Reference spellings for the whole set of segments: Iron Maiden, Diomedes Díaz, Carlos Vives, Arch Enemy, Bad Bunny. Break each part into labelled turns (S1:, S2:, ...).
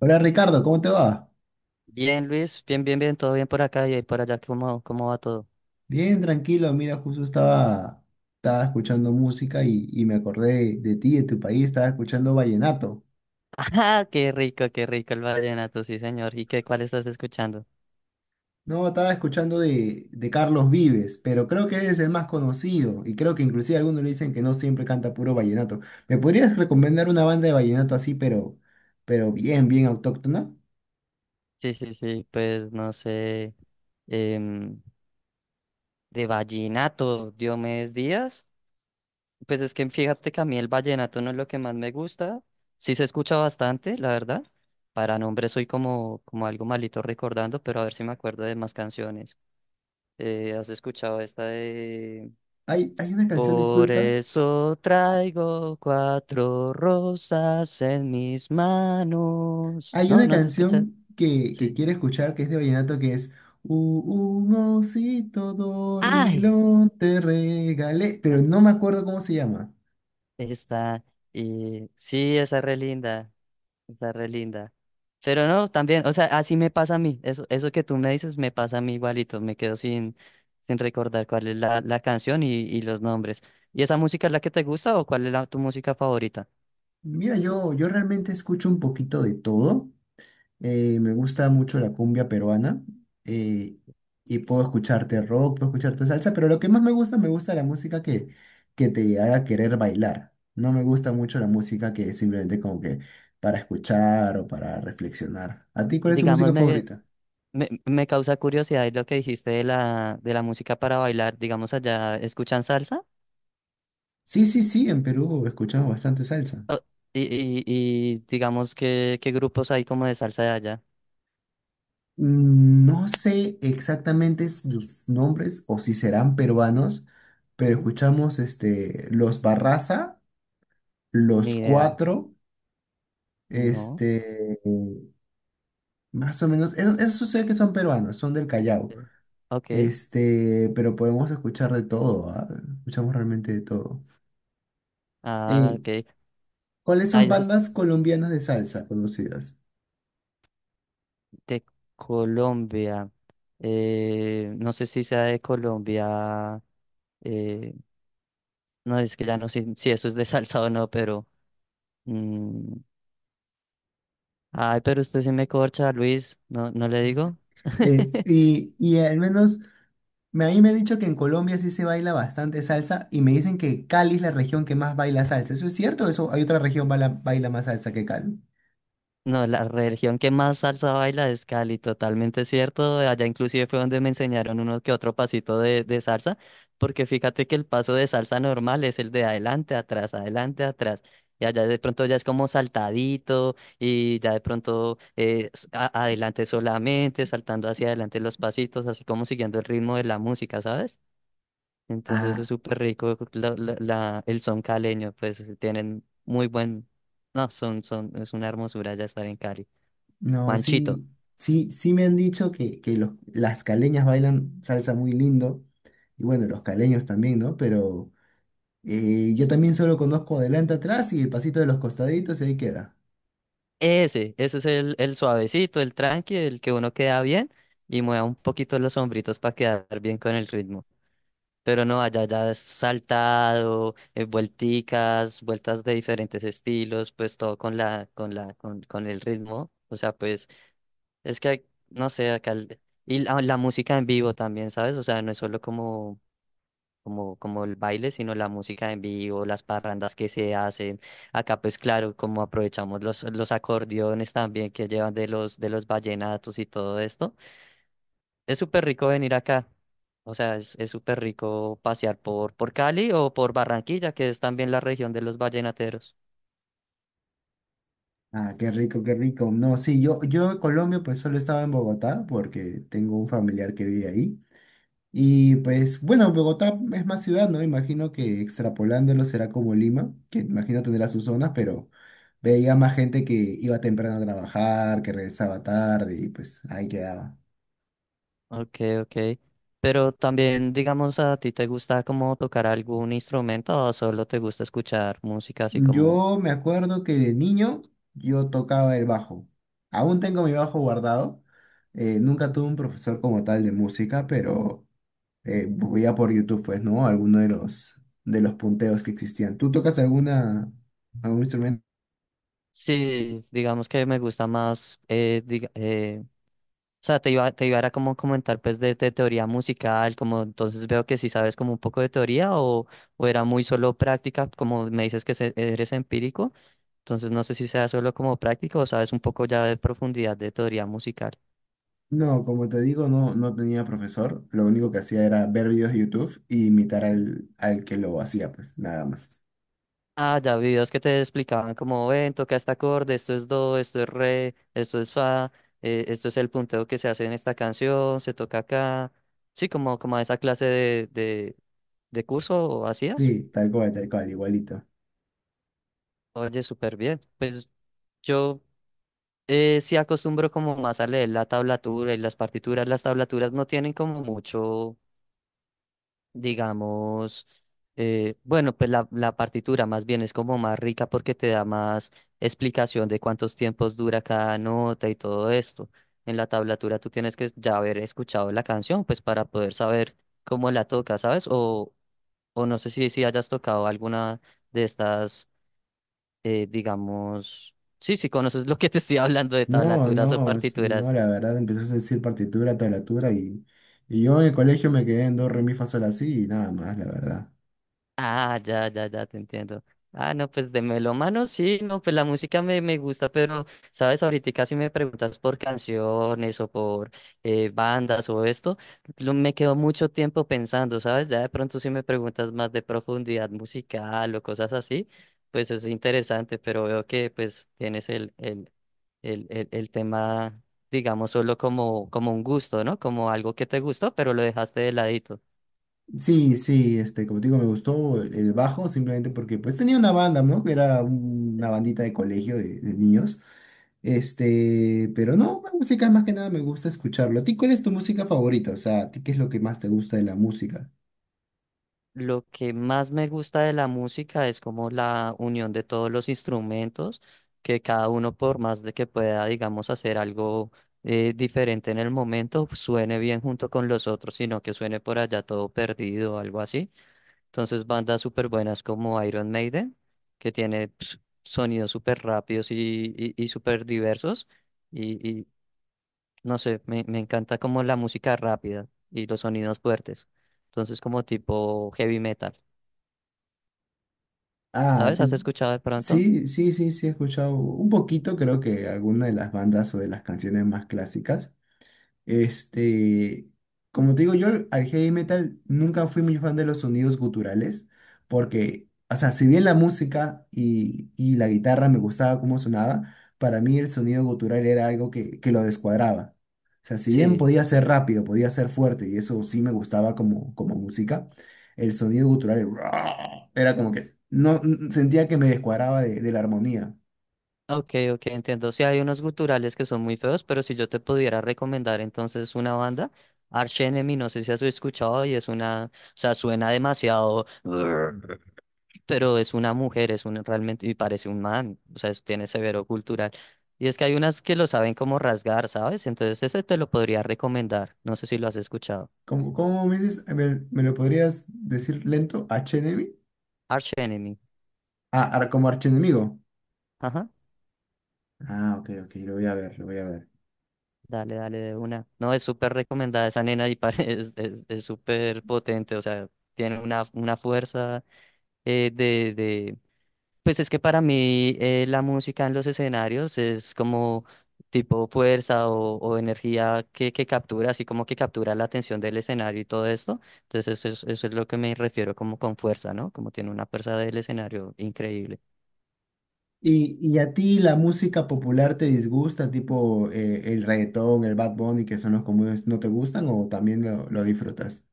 S1: Hola Ricardo, ¿cómo te va?
S2: Bien, Luis, bien, bien, bien, todo bien por acá y ahí por allá. ¿Cómo, cómo va todo?
S1: Bien, tranquilo. Mira, estaba escuchando música y me acordé de ti, de tu país, estaba escuchando vallenato.
S2: Ah, qué rico el vallenato, sí, señor. ¿Y qué, cuál estás escuchando?
S1: No, estaba escuchando de Carlos Vives, pero creo que es el más conocido y creo que inclusive algunos le dicen que no siempre canta puro vallenato. ¿Me podrías recomendar una banda de vallenato así, pero bien, bien autóctona?
S2: Sí, sí, sí, pues no sé, em, de vallenato, Diomedes Díaz. Pues es que fíjate que a mí el vallenato no es lo que más me gusta. Sí se escucha bastante, la verdad. Para nombre soy como, como algo malito recordando, pero a ver si me acuerdo de más canciones. ¿Has escuchado esta de...
S1: Hay una canción,
S2: Por
S1: disculpa.
S2: eso traigo cuatro rosas en mis manos?
S1: Hay
S2: No,
S1: una
S2: no has escuchado.
S1: canción que
S2: Sí.
S1: quiero escuchar que es de vallenato, que es "un osito
S2: Ay,
S1: dormilón te regalé,
S2: ay,
S1: pero no me acuerdo cómo se llama.
S2: está. Y sí, esa re linda. Está re linda. Pero no, también, o sea, así me pasa a mí. Eso que tú me dices me pasa a mí igualito. Me quedo sin recordar cuál es la canción y los nombres. ¿Y esa música es la que te gusta o cuál es la, tu música favorita?
S1: Mira, yo realmente escucho un poquito de todo. Me gusta mucho la cumbia peruana, eh, y puedo escucharte rock, puedo escucharte salsa, pero lo que más me gusta la música que te haga querer bailar. No me gusta mucho la música que es simplemente como que para escuchar o para reflexionar. ¿A ti cuál es tu
S2: Dígame,
S1: música favorita?
S2: Me causa curiosidad lo que dijiste de de la música para bailar. Digamos, allá escuchan salsa.
S1: Sí, sí, sí, en Perú he escuchado bastante salsa.
S2: O- y, y digamos, ¿qué, qué grupos hay como de salsa de allá?
S1: Mm, no sé exactamente sus nombres o si serán peruanos, pero
S2: Ujú.
S1: escuchamos este, los Barraza, los
S2: Ni idea.
S1: Cuatro,
S2: No.
S1: este, más o menos, esos, esos sé que son peruanos, son del Callao,
S2: Sí. Ok.
S1: este, pero podemos escuchar de todo, ¿ah? Escuchamos realmente de todo.
S2: Ah,
S1: Eh,
S2: ok.
S1: ¿Cuáles
S2: Ah,
S1: son
S2: ya es
S1: bandas colombianas de salsa conocidas?
S2: de Colombia. No sé si sea de Colombia, eh, no, es que ya no sé si eso es de salsa o no, pero... mm, ay, pero usted sí me corcha, Luis. No, no le digo.
S1: Al menos... a mí me han dicho que en Colombia sí se baila bastante salsa y me dicen que Cali es la región que más baila salsa. ¿Eso es cierto? ¿Eso hay otra región baila más salsa que Cali?
S2: No, la religión que más salsa baila es Cali, totalmente cierto. Allá inclusive fue donde me enseñaron uno que otro pasito de salsa, porque fíjate que el paso de salsa normal es el de adelante, atrás, adelante, atrás. Y allá de pronto ya es como saltadito y ya de pronto adelante solamente, saltando hacia adelante los pasitos, así como siguiendo el ritmo de la música, ¿sabes? Entonces es
S1: Ah,
S2: súper rico el son caleño, pues tienen muy buen... No, son, son, es una hermosura ya estar en Cali.
S1: no,
S2: Manchito.
S1: sí, sí, sí me han dicho que los, las caleñas bailan salsa muy lindo y bueno, los caleños también, ¿no? Pero yo también solo conozco adelante atrás y el pasito de los costaditos y ahí queda.
S2: Ese es el suavecito, el tranqui, el que uno queda bien y mueva un poquito los hombritos para quedar bien con el ritmo. Pero no, allá ya es saltado, vuelticas, vueltas de diferentes estilos, pues todo con con el ritmo. O sea, pues, es que, no sé, y la música en vivo también, ¿sabes? O sea, no es solo como como el baile, sino la música en vivo, las parrandas que se hacen. Acá, pues claro, como aprovechamos los acordeones también que llevan de de los vallenatos y todo esto. Es súper rico venir acá. O sea, es súper rico pasear por Cali o por Barranquilla, que es también la región de los vallenateros.
S1: Ah, qué rico, qué rico. No, sí, yo en Colombia pues solo estaba en Bogotá porque tengo un familiar que vive ahí. Y pues bueno, Bogotá es más ciudad, ¿no? Imagino que extrapolándolo será como Lima, que imagino tendrá sus zonas, pero veía más gente que iba temprano a trabajar, que regresaba tarde y pues ahí quedaba.
S2: Ok, ok. Pero también, digamos, ¿a ti te gusta como tocar algún instrumento o solo te gusta escuchar música así como...
S1: Yo me acuerdo que de niño yo tocaba el bajo. Aún tengo mi bajo guardado. Nunca tuve un profesor como tal de música, pero veía por YouTube, pues, ¿no? Alguno de los punteos que existían. ¿Tú tocas algún instrumento?
S2: Sí, digamos que me gusta más, o sea, te iba era como comentar pues de teoría musical, como entonces veo que sí sabes como un poco de teoría o era muy solo práctica, como me dices que eres empírico, entonces no sé si sea solo como práctica o sabes un poco ya de profundidad de teoría musical.
S1: No, como te digo, no tenía profesor. Lo único que hacía era ver videos de YouTube y imitar
S2: Sí.
S1: al que lo hacía, pues nada más.
S2: Ah, ya vi videos que te explicaban como ven, toca este acorde, esto es do, esto es re, esto es fa, esto es el punteo que se hace en esta canción, se toca acá. Sí, como, como esa clase de, de curso hacías.
S1: Sí, tal cual, igualito.
S2: Oye, súper bien. Pues yo, sí acostumbro como más a leer la tablatura y las partituras. Las tablaturas no tienen como mucho. Digamos, bueno, pues la partitura más bien es como más rica porque te da más explicación de cuántos tiempos dura cada nota y todo esto. En la tablatura tú tienes que ya haber escuchado la canción, pues para poder saber cómo la toca, ¿sabes? O no sé si hayas tocado alguna de estas, digamos, sí, si conoces lo que te estoy hablando de
S1: No,
S2: tablaturas o
S1: no, no,
S2: partituras.
S1: la verdad empezó a decir partitura, tablatura, y yo en el colegio me quedé en do, re, mi, fa, sol, así y nada más, la verdad.
S2: Ah, ya, ya, ya, te entiendo. Ah, no, pues de melómano sí, no, pues la música me gusta, pero, sabes, ahorita si me preguntas por canciones o por bandas o esto, me quedo mucho tiempo pensando, ¿sabes? Ya de pronto si me preguntas más de profundidad musical o cosas así, pues es interesante, pero veo que pues tienes el tema, digamos, solo como, como un gusto, ¿no? Como algo que te gustó, pero lo dejaste de ladito.
S1: Sí, sí, este, como te digo, me gustó el bajo simplemente porque pues tenía una banda, ¿no? Que era una bandita de colegio de niños. Este, pero no, la música más que nada me gusta escucharlo. ¿A ti cuál es tu música favorita? O sea, ¿a ti qué es lo que más te gusta de la música?
S2: Lo que más me gusta de la música es como la unión de todos los instrumentos, que cada uno por más de que pueda, digamos, hacer algo diferente en el momento, suene bien junto con los otros, sino que suene por allá todo perdido o algo así. Entonces, bandas súper buenas como Iron Maiden, que tiene ps, sonidos súper rápidos y súper diversos. Y no sé, me encanta como la música rápida y los sonidos fuertes. Entonces, como tipo heavy metal.
S1: Ah,
S2: ¿Sabes?
S1: te-
S2: ¿Has escuchado de pronto?
S1: sí, sí, sí, sí, he escuchado un poquito, creo que alguna de las bandas o de las canciones más clásicas. Este, como te digo, yo al heavy metal nunca fui muy fan de los sonidos guturales, porque, o sea, si bien la música y la guitarra me gustaba cómo sonaba, para mí el sonido gutural era algo que lo descuadraba. O sea, si bien
S2: Sí.
S1: podía ser rápido, podía ser fuerte, y eso sí me gustaba como, como música, el sonido gutural el era como que no sentía que me descuadraba de la armonía.
S2: Ok, ok, entiendo. Sí, hay unos guturales que son muy feos, pero si yo te pudiera recomendar entonces una banda, Arch Enemy, no sé si has escuchado y es una, o sea, suena demasiado, pero es una mujer, es un realmente, y parece un man, o sea, tiene severo cultural. Y es que hay unas que lo saben como rasgar, ¿sabes? Entonces ese te lo podría recomendar, no sé si lo has escuchado.
S1: ¿Cómo, cómo me dices? A ver, ¿me lo podrías decir lento? ¿H-enemy?
S2: Arch Enemy.
S1: Ah, como archienemigo.
S2: Ajá.
S1: Ah, ok, ok, lo voy a ver, lo voy a ver.
S2: Dale, dale, de una. No, es súper recomendada esa nena y es, es súper potente, o sea, tiene una fuerza, de... Pues es que para mí, la música en los escenarios es como tipo fuerza o energía que captura, así como que captura la atención del escenario y todo esto. Entonces eso es lo que me refiero como con fuerza, ¿no? Como tiene una fuerza del escenario increíble.
S1: Y a ti la música popular te disgusta, tipo el reggaetón, el Bad Bunny, que son los comunes, no te gustan o también lo disfrutas?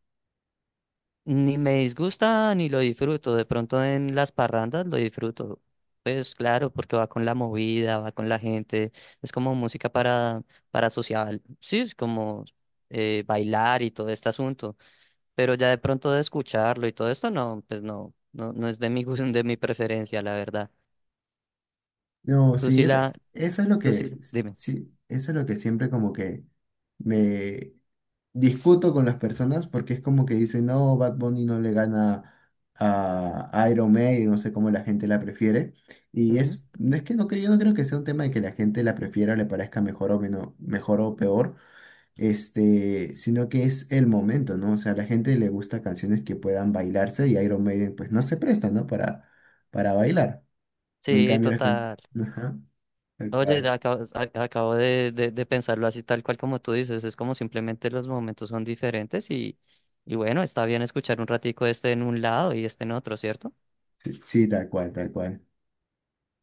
S2: Ni me disgusta ni lo disfruto. De pronto en las parrandas lo disfruto. Pues claro, porque va con la movida, va con la gente. Es como música para social. Sí, es como bailar y todo este asunto. Pero ya de pronto de escucharlo y todo esto, no, pues no, no, no es de mi gusto, de mi preferencia, la verdad.
S1: No,
S2: Tú
S1: sí,
S2: sí la,
S1: eso es lo
S2: tú sí, dime.
S1: sí, eso es lo que siempre como que me discuto con las personas porque es como que dicen, no, Bad Bunny no le gana a Iron Maiden, no sé cómo la gente la prefiere. Y
S2: Ujú.
S1: es, no es que no creo, yo no creo que sea un tema de que la gente la prefiera o le parezca mejor o menos, mejor o peor, este, sino que es el momento, ¿no? O sea, a la gente le gusta canciones que puedan bailarse y Iron Maiden pues no se presta, ¿no? Para bailar. En
S2: Sí,
S1: cambio, las canciones...
S2: total.
S1: Tal cual.
S2: Oye, acabo de pensarlo así tal cual como tú dices, es como simplemente los momentos son diferentes y bueno, está bien escuchar un ratico este en un lado y este en otro, ¿cierto?
S1: Sí, sí, tal cual, tal cual.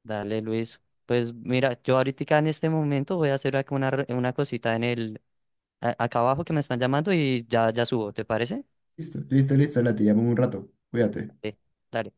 S2: Dale, Luis. Pues mira, yo ahorita en este momento voy a hacer acá una, una cosita en el, acá abajo que me están llamando y ya, ya subo, ¿te parece?
S1: Listo, listo, listo, la te llamo en un rato. Cuídate.
S2: Sí, dale.